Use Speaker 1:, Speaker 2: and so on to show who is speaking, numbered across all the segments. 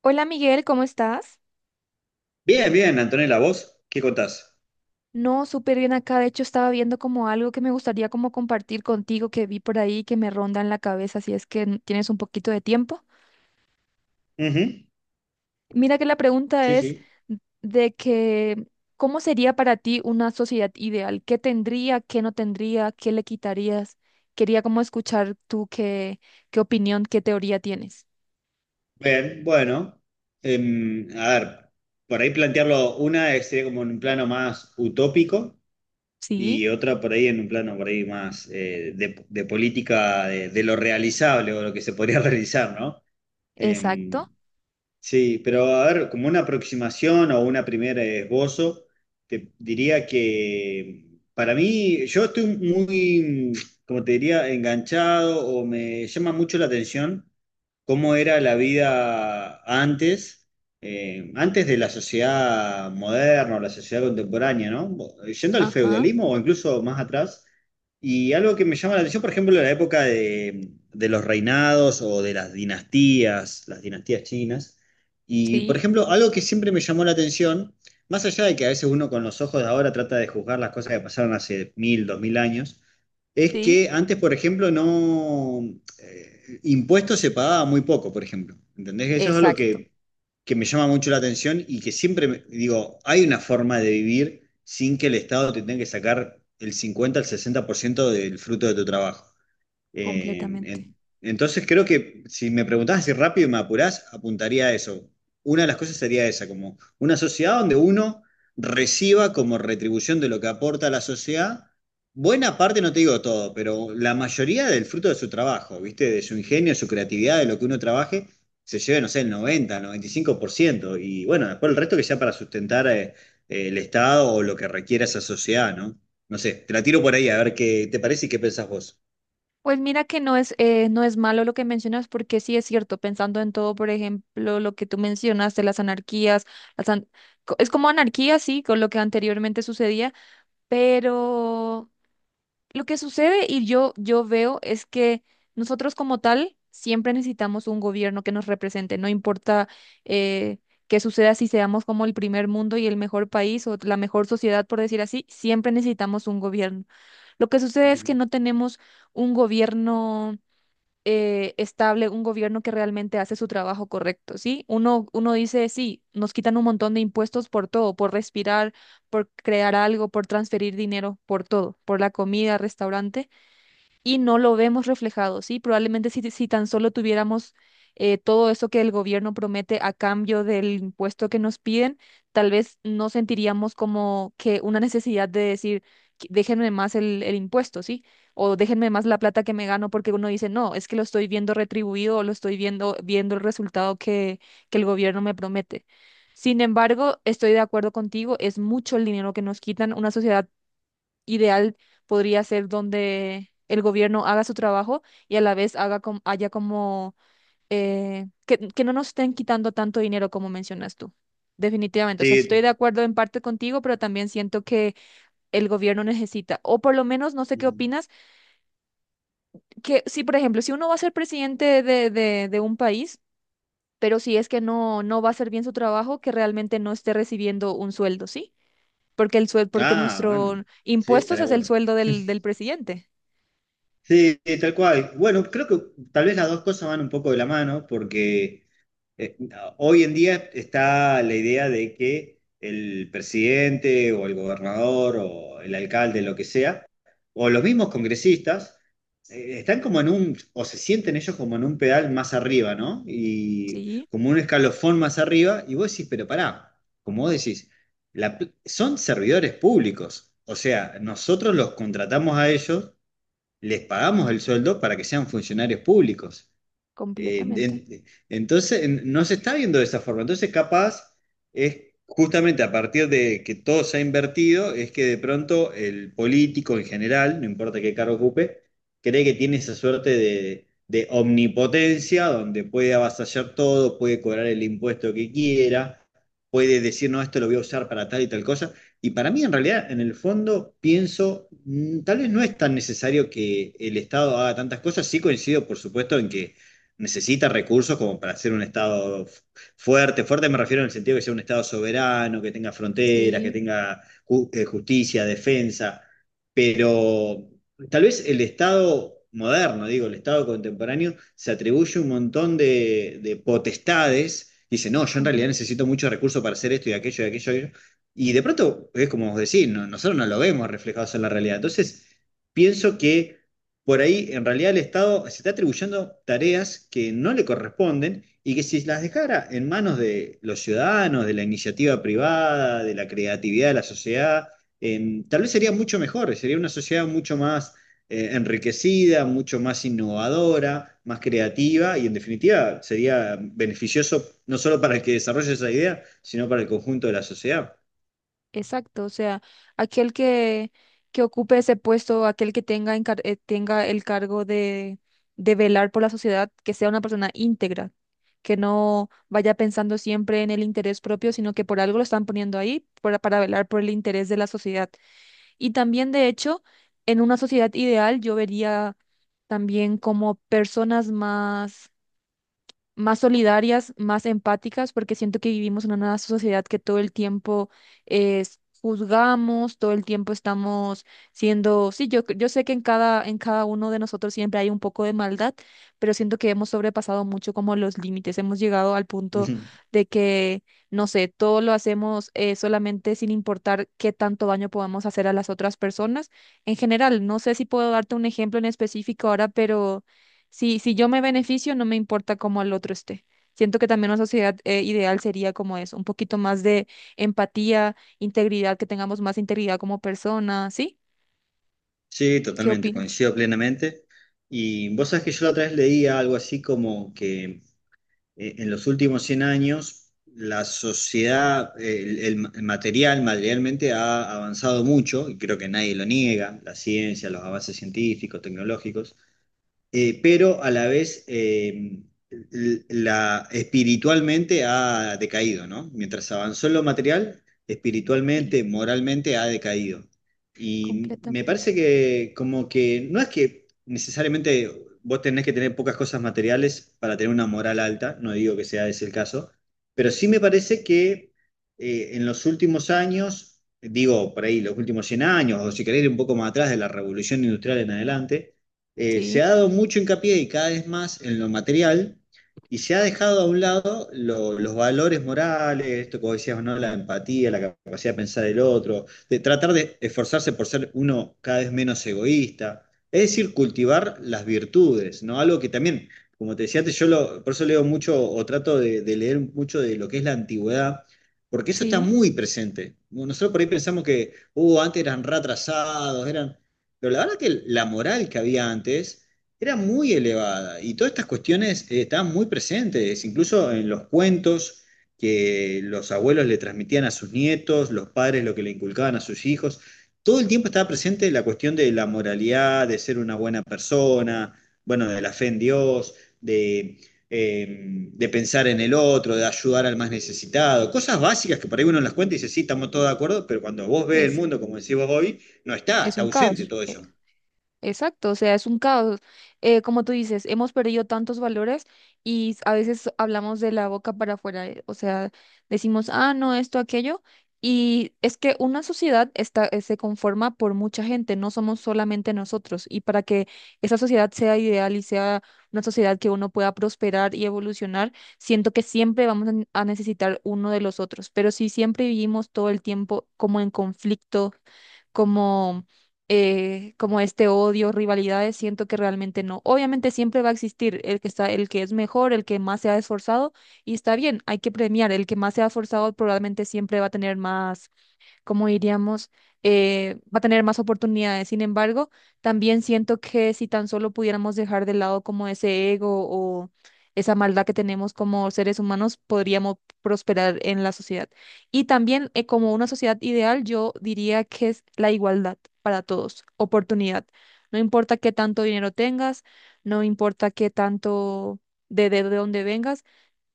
Speaker 1: Hola Miguel, ¿cómo estás?
Speaker 2: Bien, bien, Antonella, ¿vos qué contás?
Speaker 1: No, súper bien acá. De hecho, estaba viendo como algo que me gustaría como compartir contigo que vi por ahí que me ronda en la cabeza, si es que tienes un poquito de tiempo.
Speaker 2: Ujú.
Speaker 1: Mira que la pregunta
Speaker 2: Sí,
Speaker 1: es
Speaker 2: sí.
Speaker 1: de que, ¿cómo sería para ti una sociedad ideal? ¿Qué tendría, qué no tendría, qué le quitarías? Quería como escuchar tú qué, qué opinión, qué teoría tienes.
Speaker 2: Bien, bueno. A ver, por ahí plantearlo, una es, sería como en un plano más utópico
Speaker 1: Sí,
Speaker 2: y otra por ahí en un plano por ahí más de política de lo realizable o lo que se podría realizar, ¿no? Em,
Speaker 1: exacto.
Speaker 2: Sí, pero a ver, como una aproximación o una primera esbozo, te diría que para mí, yo estoy muy, como te diría, enganchado o me llama mucho la atención cómo era la vida antes, antes de la sociedad moderna o la sociedad contemporánea, ¿no? Yendo al
Speaker 1: Ajá,
Speaker 2: feudalismo o incluso más atrás. Y algo que me llama la atención, por ejemplo, la época de los reinados o de las dinastías chinas. Y, por
Speaker 1: sí,
Speaker 2: ejemplo, algo que siempre me llamó la atención, más allá de que a veces uno con los ojos de ahora trata de juzgar las cosas que pasaron hace 1.000, 2.000 años, es
Speaker 1: sí,
Speaker 2: que antes, por ejemplo, no impuestos se pagaba muy poco, por ejemplo. ¿Entendés? Eso es algo
Speaker 1: exacto,
Speaker 2: que me llama mucho la atención y que siempre me- digo, hay una forma de vivir sin que el Estado te tenga que sacar el 50 al 60% del fruto de tu trabajo. Eh,
Speaker 1: completamente.
Speaker 2: en- entonces creo que si me preguntás así rápido y me apurás, apuntaría a eso. Una de las cosas sería esa, como una sociedad donde uno reciba como retribución de lo que aporta a la sociedad, buena parte, no te digo todo, pero la mayoría del fruto de su trabajo, ¿viste? De su ingenio, su creatividad, de lo que uno trabaje, se lleve, no sé, el 90, el 95%, y 5%. Y bueno, después el resto que sea para sustentar el Estado o lo que requiera esa sociedad, ¿no? No sé, te la tiro por ahí a ver qué te parece y qué pensás vos.
Speaker 1: Pues mira que no es, no es malo lo que mencionas, porque sí es cierto, pensando en todo, por ejemplo, lo que tú mencionas de las anarquías, las an- es como anarquía, sí, con lo que anteriormente sucedía, pero lo que sucede y yo veo es que nosotros como tal siempre necesitamos un gobierno que nos represente, no importa eh, qué suceda si seamos como el primer mundo y el mejor país o la mejor sociedad, por decir así, siempre necesitamos un gobierno. Lo que sucede es que
Speaker 2: Ujú.
Speaker 1: no tenemos un gobierno estable, un gobierno que realmente hace su trabajo correcto, ¿sí? Uno, uno dice, sí, nos quitan un montón de impuestos por todo, por respirar, por crear algo, por transferir dinero, por todo, por la comida, restaurante y no lo vemos reflejado, ¿sí? Probablemente si tan solo tuviéramos todo eso que el gobierno promete a cambio del impuesto que nos piden, tal vez no sentiríamos como que una necesidad de decir, Déjenme más el impuesto, ¿sí? O déjenme más la plata que me gano porque uno dice, no, es que lo estoy viendo retribuido o lo estoy viendo, viendo el resultado que el gobierno me promete. Sin embargo, estoy de acuerdo contigo, es mucho el dinero que nos quitan. Una sociedad ideal podría ser donde el gobierno haga su trabajo y a la vez haga haya como que no nos estén quitando tanto dinero como mencionas tú. Definitivamente, o sea, estoy de
Speaker 2: Sí.
Speaker 1: acuerdo en parte contigo, pero también siento que el gobierno necesita, o por lo menos, no sé qué
Speaker 2: Ujú.
Speaker 1: opinas, que si, por ejemplo, si uno va a ser presidente de un país, pero si es que no, no va a hacer bien su trabajo, que realmente no esté recibiendo un sueldo, ¿sí? Porque el sueldo, porque
Speaker 2: Ah, bueno.
Speaker 1: nuestro
Speaker 2: Sí,
Speaker 1: impuestos
Speaker 2: estaría
Speaker 1: es el
Speaker 2: bueno.
Speaker 1: sueldo del presidente.
Speaker 2: Sí, sí, tal cual. Bueno, creo que tal vez las dos cosas van un poco de la mano porque eh, hoy en día está la idea de que el presidente o el gobernador o el alcalde, lo que sea, o los mismos congresistas, están como en un, o se sienten ellos como en un pedal más arriba, ¿no? Y
Speaker 1: Sí,
Speaker 2: como un escalofón más arriba, y vos decís, pero pará, como vos decís, la pl- son servidores públicos, o sea, nosotros los contratamos a ellos, les pagamos el sueldo para que sean funcionarios públicos. Eh,
Speaker 1: completamente.
Speaker 2: en- entonces, no se está viendo de esa forma. Entonces, capaz es justamente a partir de que todo se ha invertido, es que de pronto el político en general, no importa qué cargo ocupe, cree que tiene esa suerte de omnipotencia, donde puede avasallar todo, puede cobrar el impuesto que quiera, puede decir, no, esto lo voy a usar para tal y tal cosa. Y para mí, en realidad, en el fondo, pienso, tal vez no es tan necesario que el Estado haga tantas cosas. Sí coincido, por supuesto, en que necesita recursos como para ser un Estado fuerte. Fuerte me refiero en el sentido que sea un Estado soberano, que tenga fronteras, que
Speaker 1: Sí,
Speaker 2: tenga justicia, defensa, pero tal vez el Estado moderno, digo, el Estado contemporáneo, se atribuye un montón de potestades. Dice, no, yo en realidad
Speaker 1: completo.
Speaker 2: necesito muchos recursos para hacer esto y aquello y aquello y aquello. Y de pronto, es como vos decís, nosotros no lo vemos reflejados en la realidad. Entonces, pienso que por ahí en realidad el Estado se está atribuyendo tareas que no le corresponden y que si las dejara en manos de los ciudadanos, de la iniciativa privada, de la creatividad de la sociedad, tal vez sería mucho mejor, sería una sociedad mucho más enriquecida, mucho más innovadora, más creativa y en definitiva sería beneficioso no solo para el que desarrolle esa idea, sino para el conjunto de la sociedad.
Speaker 1: Exacto. O sea, aquel que ocupe ese puesto, aquel que tenga, tenga el cargo de velar por la sociedad, que sea una persona íntegra, que no vaya pensando siempre en el interés propio, sino que por algo lo están poniendo ahí para velar por el interés de la sociedad. Y también, de hecho, en una sociedad ideal yo vería también como personas más solidarias, más empáticas, porque siento que vivimos en una sociedad que todo el tiempo es, juzgamos, todo el tiempo estamos siendo, sí, yo sé que en cada uno de nosotros siempre hay un poco de maldad, pero siento que hemos sobrepasado mucho como los límites, hemos llegado al punto de que, no sé, todo lo hacemos solamente sin importar qué tanto daño podamos hacer a las otras personas. En general, no sé si puedo darte un ejemplo en específico ahora, pero… Si, si yo me beneficio, no me importa cómo el otro esté. Siento que también una sociedad ideal sería como eso, un poquito más de empatía, integridad, que tengamos más integridad como personas, ¿sí?
Speaker 2: Sí,
Speaker 1: ¿Qué
Speaker 2: totalmente,
Speaker 1: opinas?
Speaker 2: coincido plenamente. Y vos sabés que yo la otra vez leía algo así como que en los últimos 100 años la sociedad, el el material, materialmente ha avanzado mucho, y creo que nadie lo niega, la ciencia, los avances científicos, tecnológicos, pero a la vez la, espiritualmente ha decaído, ¿no? Mientras avanzó en lo material,
Speaker 1: Sí,
Speaker 2: espiritualmente, moralmente ha decaído. Y me parece
Speaker 1: completamente.
Speaker 2: que como que no es que necesariamente vos tenés que tener pocas cosas materiales para tener una moral alta, no digo que sea ese el caso, pero sí me parece que en los últimos años, digo por ahí los últimos 100 años, o si querés ir un poco más atrás de la revolución industrial en adelante, se
Speaker 1: Sí,
Speaker 2: ha dado mucho hincapié y cada vez más en lo material y se ha dejado a un lado los valores morales, esto como decías, ¿no? La empatía, la capacidad de pensar el otro, de tratar de esforzarse por ser uno cada vez menos egoísta, es decir, cultivar las virtudes, ¿no? Algo que también, como te decía antes, yo lo, por eso leo mucho o trato de leer mucho de lo que es la antigüedad. Porque eso está
Speaker 1: sí,
Speaker 2: muy presente. Nosotros por ahí pensamos que, antes eran re atrasados, eran, pero la verdad que la moral que había antes era muy elevada y todas estas cuestiones estaban muy presentes, incluso en los cuentos que los abuelos le transmitían a sus nietos, los padres lo que le inculcaban a sus hijos. Todo el tiempo estaba presente la cuestión de la moralidad, de ser una buena persona, bueno, de la fe en Dios, de, eh, de pensar en el otro, de ayudar al más necesitado, cosas básicas que por ahí uno las cuenta y dice, sí, estamos todos de acuerdo, pero cuando vos ves el
Speaker 1: es,
Speaker 2: mundo, como decís vos hoy, no está,
Speaker 1: es
Speaker 2: está
Speaker 1: un
Speaker 2: ausente
Speaker 1: caos.
Speaker 2: todo eso.
Speaker 1: Exacto, o sea, es un caos. Como tú dices, hemos perdido tantos valores y a veces hablamos de la boca para afuera, o sea, decimos, ah, no, esto, aquello, y es que una sociedad está, se conforma por mucha gente, no somos solamente nosotros, y para que esa sociedad sea ideal y sea una sociedad que uno pueda prosperar y evolucionar, siento que siempre vamos a necesitar uno de los otros, pero si siempre vivimos todo el tiempo como en conflicto, como, como este odio, rivalidades, siento que realmente no. Obviamente siempre va a existir el que está, el que es mejor, el que más se ha esforzado, y está bien, hay que premiar. El que más se ha esforzado probablemente siempre va a tener más como diríamos, va a tener más oportunidades. Sin embargo, también siento que si tan solo pudiéramos dejar de lado como ese ego o esa maldad que tenemos como seres humanos, podríamos prosperar en la sociedad. Y también como una sociedad ideal, yo diría que es la igualdad para todos, oportunidad. No importa qué tanto dinero tengas, no importa qué tanto de dónde vengas.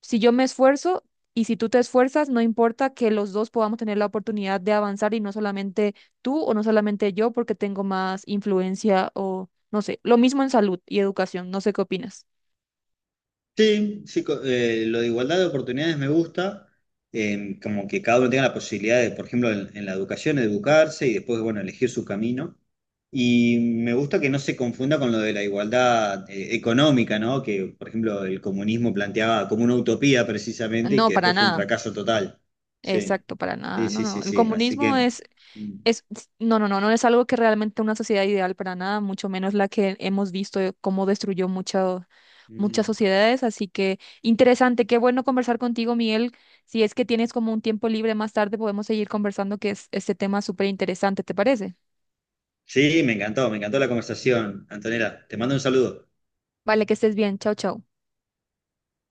Speaker 1: Si yo me esfuerzo y si tú te esfuerzas, no importa que los dos podamos tener la oportunidad de avanzar y no solamente tú o no solamente yo porque tengo más influencia o no sé, lo mismo en salud y educación, no sé qué opinas.
Speaker 2: Sí, sí, lo de igualdad de oportunidades me gusta, como que cada uno tenga la posibilidad de, por ejemplo, en la educación, educarse y después, bueno, elegir su camino. Y me gusta que no se confunda con lo de la igualdad, económica, ¿no? Que, por ejemplo, el comunismo planteaba como una utopía precisamente y
Speaker 1: No,
Speaker 2: que
Speaker 1: para
Speaker 2: después fue un
Speaker 1: nada.
Speaker 2: fracaso total. Sí,
Speaker 1: Exacto, para nada.
Speaker 2: sí,
Speaker 1: No,
Speaker 2: sí,
Speaker 1: no.
Speaker 2: sí,
Speaker 1: El
Speaker 2: sí. Así
Speaker 1: comunismo
Speaker 2: que,
Speaker 1: es…
Speaker 2: mm,
Speaker 1: Es, no, no, no, no es algo que realmente una sociedad ideal para nada, mucho menos la que hemos visto de cómo destruyó muchas
Speaker 2: mm.
Speaker 1: sociedades. Así que interesante, qué bueno conversar contigo, Miguel. Si es que tienes como un tiempo libre más tarde, podemos seguir conversando, que es este tema súper interesante, ¿te parece?
Speaker 2: Sí, me encantó la conversación. Antonella, te mando un saludo.
Speaker 1: Vale, que estés bien. Chao, chao.